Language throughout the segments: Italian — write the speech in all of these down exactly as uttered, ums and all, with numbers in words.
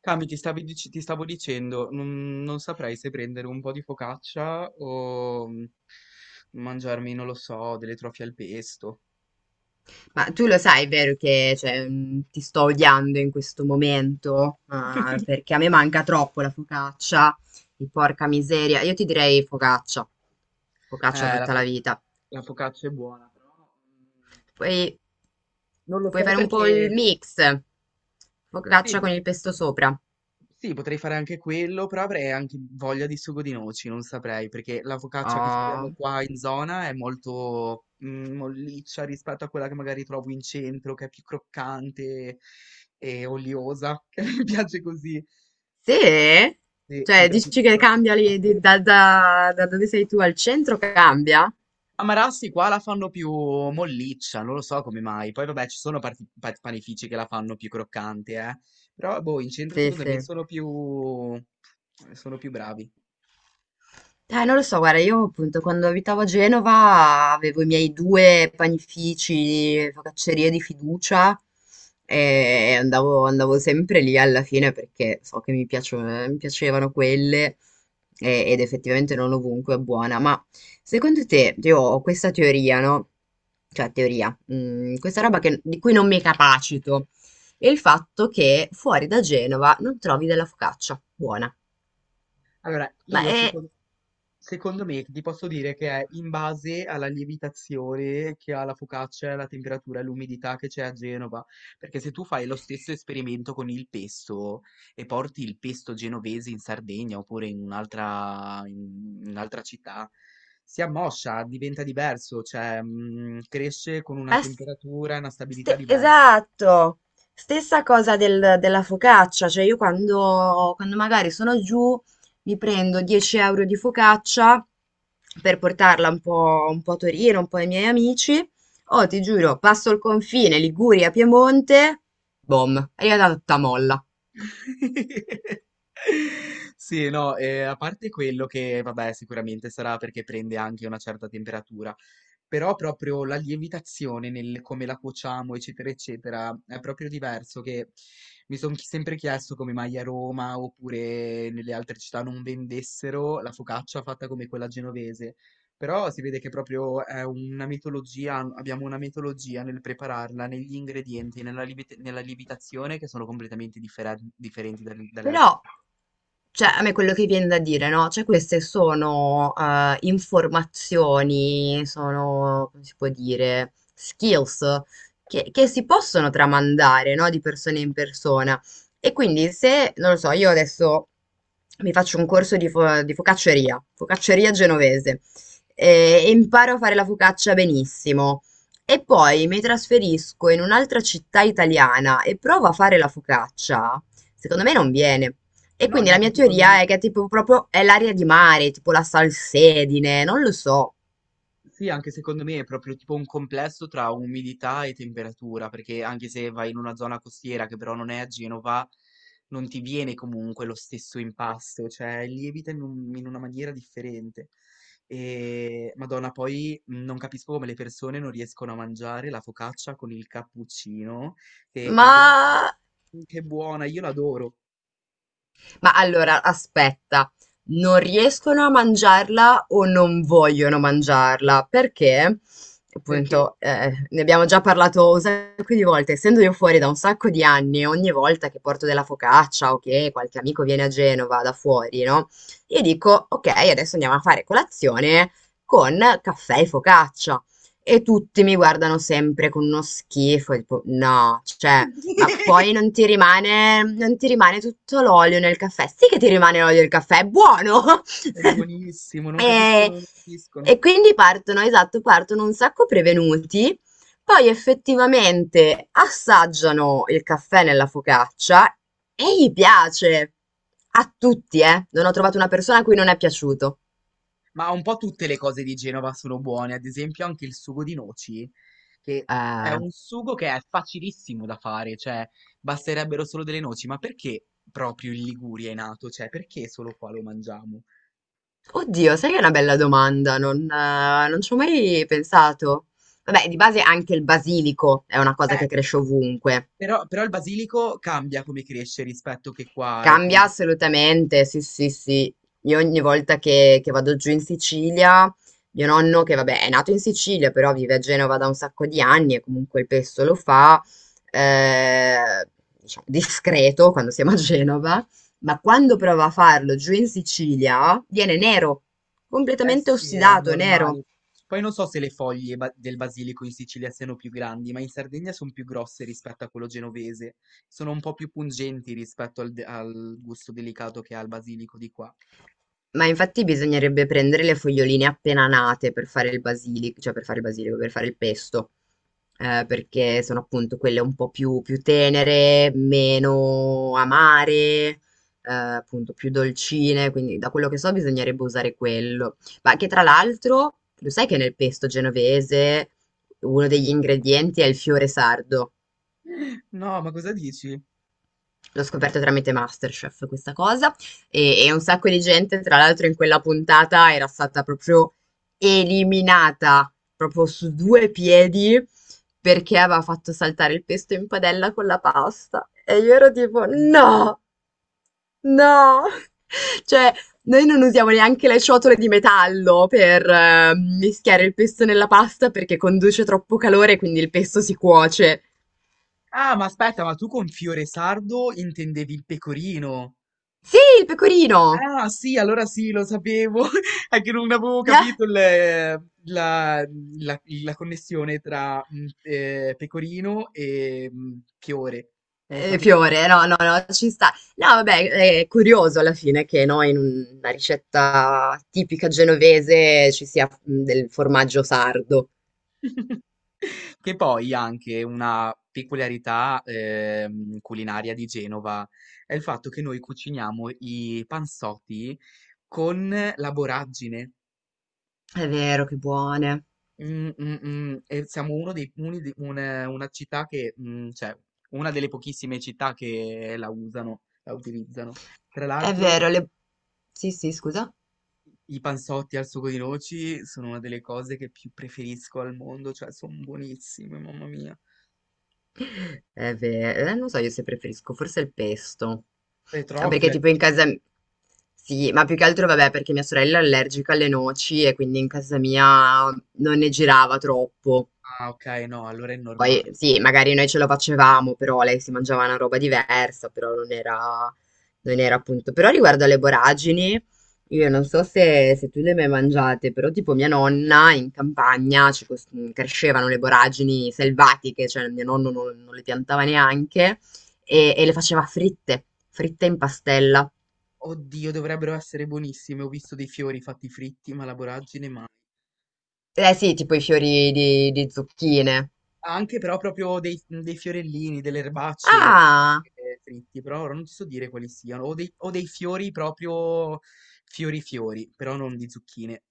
Cami, ti stavi dic- ti stavo dicendo, non, non saprei se prendere un po' di focaccia o mm, mangiarmi, non lo so, delle trofie al pesto. Ma tu lo sai, vero, che cioè, mh, ti sto odiando in questo momento. Ah, perché a me manca troppo la focaccia, e porca miseria. Io ti direi focaccia, focaccia Eh, la, tutta la fo- vita. la focaccia è buona, però mm, Poi non lo puoi so fare un po' il perché... mix, Sì, focaccia con boh, il pesto sopra. sì, potrei fare anche quello, però avrei anche voglia di sugo di noci, non saprei, perché la focaccia che abbiamo Oh, qua in zona è molto mm, molliccia rispetto a quella che magari trovo in centro, che è più croccante e oliosa, che mi piace così. sì? Sì, mi Cioè, piace dici più che croccante. cambia lì, di- da, da- da dove sei tu al centro, cambia? A Marassi qua la fanno più molliccia, non lo so come mai. Poi vabbè, ci sono parti- pa- panifici che la fanno più croccante, eh. Però boh, in centro Sì, secondo me sì. sono più sono più bravi. Eh, non lo so, guarda, io appunto quando abitavo a Genova avevo i miei due panifici, focaccerie di fiducia, e andavo, andavo sempre lì alla fine perché so che mi piacio- mi piacevano quelle, e- ed effettivamente non ovunque è buona. Ma secondo te, io ho questa teoria, no? Cioè teoria, mm, questa roba che- di cui non mi capacito, è il fatto che fuori da Genova non trovi della focaccia buona. Allora, Ma io è secondo Secondo me ti posso dire che è in base alla lievitazione che ha la focaccia, la temperatura e l'umidità che c'è a Genova, perché se tu fai lo stesso esperimento con il pesto e porti il pesto genovese in Sardegna oppure in un'altra in un'altra città, si ammoscia, diventa diverso, cioè mm, cresce con una Ma s- temperatura e una stabilità ste- diversa. Esatto, stessa cosa del- della focaccia, cioè io quando, quando magari sono giù mi prendo dieci euro di focaccia per portarla un po', un po' a Torino, un po' ai miei amici, oh ti giuro, passo il confine Liguria, Piemonte, boom, è arrivata tutta molla. Sì, no, eh, a parte quello che, vabbè, sicuramente sarà perché prende anche una certa temperatura. Però proprio la lievitazione nel come la cuociamo, eccetera, eccetera, è proprio diverso che mi sono sempre chiesto come mai a Roma oppure nelle altre città non vendessero la focaccia fatta come quella genovese. Però si vede che proprio è una mitologia, abbiamo una mitologia nel prepararla, negli ingredienti, nella, lievit- nella lievitazione che sono completamente differen- differenti dalle dalle altre. Però, cioè, a me quello che viene da dire, no? Cioè, queste sono eh, informazioni, sono, come si può dire, skills che, che si possono tramandare, no? Di persona in persona. E quindi se, non lo so, io adesso mi faccio un corso di, fo- di focacceria, focacceria genovese, eh, e imparo a fare la focaccia benissimo. E poi mi trasferisco in un'altra città italiana e provo a fare la focaccia. Secondo me non viene. E No, quindi la neanche mia secondo teoria me. è che tipo proprio è l'aria di mare, tipo la salsedine, non lo so. Sì, anche secondo me è proprio tipo un complesso tra umidità e temperatura, perché anche se vai in una zona costiera che però non è a Genova, non ti viene comunque lo stesso impasto, cioè lievita in, un- in una maniera differente. E Madonna, poi mh, non capisco come le persone non riescono a mangiare la focaccia con il cappuccino, che Ma io... Che buona, io l'adoro, Ma allora, aspetta, non riescono a mangiarla o non vogliono mangiarla? Perché, perché appunto, eh, ne abbiamo già parlato un sacco di volte, essendo io fuori da un sacco di anni, ogni volta che porto della focaccia o che qualche amico viene a Genova da fuori, no? Io dico, ok, adesso andiamo a fare colazione con caffè e focaccia. E tutti mi guardano sempre con uno schifo, tipo, no, cioè... Ma poi non ti rimane, non ti rimane tutto l'olio nel caffè. Sì che ti rimane l'olio del caffè, è buono! è buonissimo, non capiscono, E, non capiscono. e quindi partono, esatto, partono un sacco prevenuti, poi effettivamente assaggiano il caffè nella focaccia e gli piace. A tutti, eh. Non ho trovato una persona a cui non è piaciuto. Ma un po' tutte le cose di Genova sono buone, ad esempio anche il sugo di noci, che è Eh, un sugo che è facilissimo da fare, cioè basterebbero solo delle noci, ma perché proprio in Liguria è nato? Cioè perché solo qua lo mangiamo? Oddio, sai che è una bella domanda, non, eh, non ci ho mai pensato. Vabbè, di base anche il basilico è una cosa Eh, che cresce ovunque. però, però il basilico cambia come cresce rispetto che qua e come... Cambia assolutamente, sì, sì, sì. Io ogni volta che, che vado giù in Sicilia, mio nonno, che vabbè è nato in Sicilia, però vive a Genova da un sacco di anni e comunque il pesto lo fa, eh, diciamo, discreto quando siamo a Genova, ma quando prova a farlo giù in Sicilia viene nero, Eh completamente sì, è ossidato, nero. normale. Poi non so se le foglie ba- del basilico in Sicilia siano più grandi, ma in Sardegna sono più grosse rispetto a quello genovese. Sono un po' più pungenti rispetto al, de- al gusto delicato che ha il basilico di qua. Ma infatti bisognerebbe prendere le foglioline appena nate per fare il basilico, cioè per fare il basilico, per fare il pesto, eh, perché sono appunto quelle un po' più, più tenere, meno amare, eh, appunto più dolcine, quindi da quello che so bisognerebbe usare quello. Ma che tra l'altro, lo sai che nel pesto genovese uno degli ingredienti è il fiore sardo? No, ma cosa dici? L'ho scoperto tramite MasterChef questa cosa, e e un sacco di gente, tra l'altro in quella puntata era stata proprio eliminata, proprio su due piedi, perché aveva fatto saltare il pesto in padella con la pasta. E io ero tipo: Dio. "No, no!" Cioè, noi non usiamo neanche le ciotole di metallo per, ehm, mischiare il pesto nella pasta perché conduce troppo calore, quindi il pesto si cuoce. Ah, ma aspetta, ma tu con fiore sardo intendevi il pecorino? Sì, il pecorino! Ah sì, allora sì, lo sapevo, è che non avevo capito il- la, la- la connessione tra mh, eh, pecorino e mh, fiore, non lo Ehm, sapevo. Fiore, no, no, no, ci sta. No, vabbè, è curioso alla fine che, no, in una ricetta tipica genovese ci sia, mhmm, del formaggio sardo. Che poi anche una peculiarità ehm, culinaria di Genova è il fatto che noi cuciniamo i pansotti con la borragine. È vero, che buone. Mh, mh, mh, e siamo uno dei uni di un una città che, mhmm, cioè una delle pochissime città che la usano, la utilizzano. Tra È vero, l'altro le sì, sì, scusa? i panzotti al sugo di noci sono una delle cose che più preferisco al mondo, cioè son buonissime, mamma mia. È ve eh, non so io se preferisco, forse il pesto. Ah, perché Petrofia tipo in casa questo? m sì, ma più che altro vabbè perché mia sorella è allergica alle noci e quindi in casa mia non ne girava troppo. Ah, okay, no, allora è Poi normale. sì, magari noi ce lo facevamo, però lei si mangiava una roba diversa, però non era, non era appunto. Però riguardo alle boragini, io non so se, se tu le hai mai mangiate, però tipo mia nonna in campagna ci cos- crescevano le boragini selvatiche, cioè mio nonno non, non le piantava neanche, Sì? e, e le faceva fritte, fritte in pastella. Oddio, dovrebbero essere buonissime. Ho visto dei fiori fatti fritti, ma la voragine mai. Eh sì, tipo i fiori di, di zucchine. Anche però proprio dei, dei fiorellini, delle erbacce erano Ah! anche fritti, però ora non ti so dire quali siano, o dei, o dei fiori proprio fiori fiori, però non di zucchine,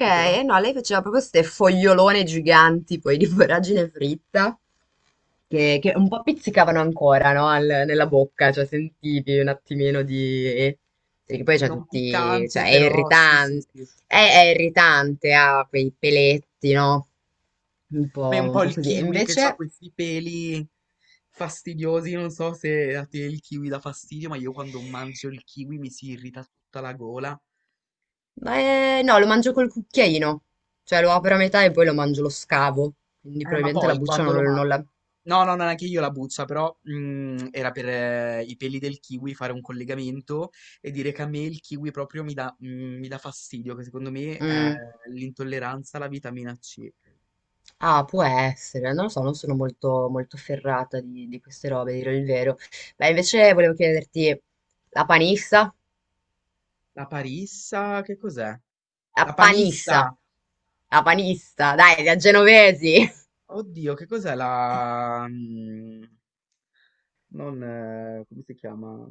che però no, lei faceva proprio queste fogliolone giganti, poi di voragine fritta, che, che un po' pizzicavano ancora, no? Al- nella bocca, cioè sentivi un attimino di... Perché poi c'è non tutti... cioè piccante, è però sì sì irritante, sì, è, è irritante, ha quei peletti, no? Un come po', un un po' po' il così. E kiwi che ha invece... questi peli fastidiosi, non so se a te il kiwi dà fastidio, ma io quando mangio il kiwi mi si irrita tutta la gola, Beh, no, lo mangio col cucchiaino, cioè lo apro a metà e poi lo mangio, lo scavo, quindi eh ma probabilmente la poi buccia quando non, lo mangio non la... no, no, no, neanche io la buzza, però mm, era per eh, i peli del kiwi fare un collegamento e dire che a me il kiwi proprio mi dà, mm, mi dà fastidio, che secondo me è Mm. l'intolleranza alla vitamina ci. Ah, può essere, non lo so, non sono molto, molto ferrata di, di queste robe, a dire il vero. Beh, invece volevo chiederti, la panissa? La parissa, che cos'è? La La panissa, panissa! la panista, dai, la genovesi, Oddio, che cos'è la... mm, non... eh, come si chiama?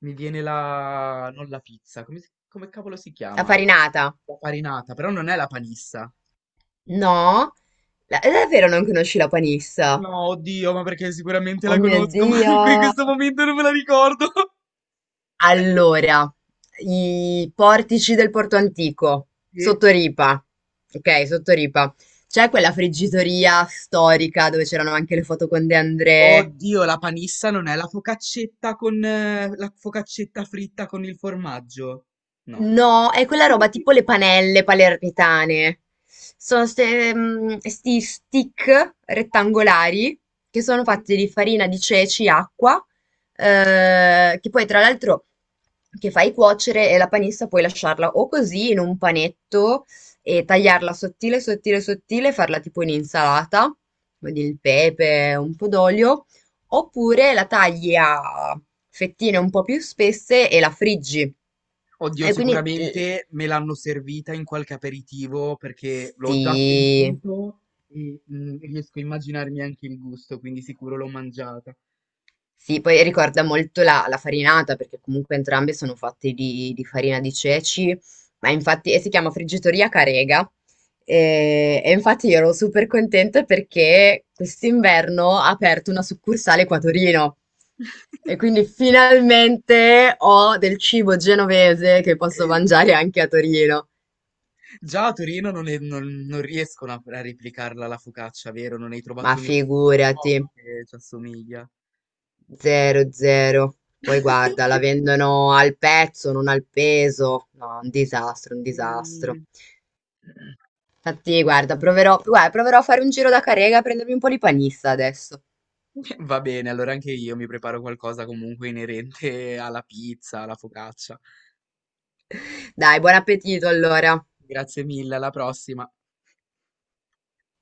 Mi viene la... non la pizza, come, si- come cavolo si la chiama? farinata. La farinata, però non è la panissa. No? La- è davvero non conosci la panissa? No, oddio, ma perché sicuramente Oh la mio conosco, ma Dio! in que- questo momento non me la ricordo. Allora, i portici del Porto Antico, Sì? sotto Ripa, ok, sotto Ripa, c'è quella friggitoria storica dove c'erano anche le foto con De André. Oddio, la panissa non è la focaccetta con eh, la focaccetta fritta con il formaggio? No. No, è quella roba tipo le panelle palermitane. Sono questi stick rettangolari che sono Sì? fatti di farina di ceci, acqua, eh, che poi tra l'altro che fai cuocere, e la panissa puoi lasciarla o così in un panetto e tagliarla sottile, sottile, sottile, farla tipo in insalata, con il pepe, un po' d'olio. Oppure la tagli a fettine un po' più spesse e la friggi. Oddio, E quindi il sicuramente me l'hanno servita in qualche aperitivo perché l'ho già Sì, sentito e mm, riesco a immaginarmi anche il gusto, quindi sicuro l'ho mangiata. sì, poi ricorda molto la, la farinata, perché comunque entrambe sono fatte di, di farina di ceci, ma infatti e si chiama Friggitoria Carega. E, e infatti io ero super contenta perché quest'inverno ha aperto una succursale qua a Torino. E quindi finalmente ho del cibo genovese che posso mangiare anche a Torino. Già a Torino non, è- non- non riescono a, a replicarla la focaccia, vero? Non hai Ma trovato nessuno figurati, che ci assomiglia. zero zero. Poi guarda, la vendono al pezzo, non al peso. No, un disastro, un disastro. Mm. Infatti, guarda, proverò, guarda, proverò a fare un giro da Carrega a prendermi un po' di panissa adesso. Va bene, allora anche io mi preparo qualcosa comunque inerente alla pizza, alla focaccia. Dai, buon appetito allora. Grazie mille, alla prossima.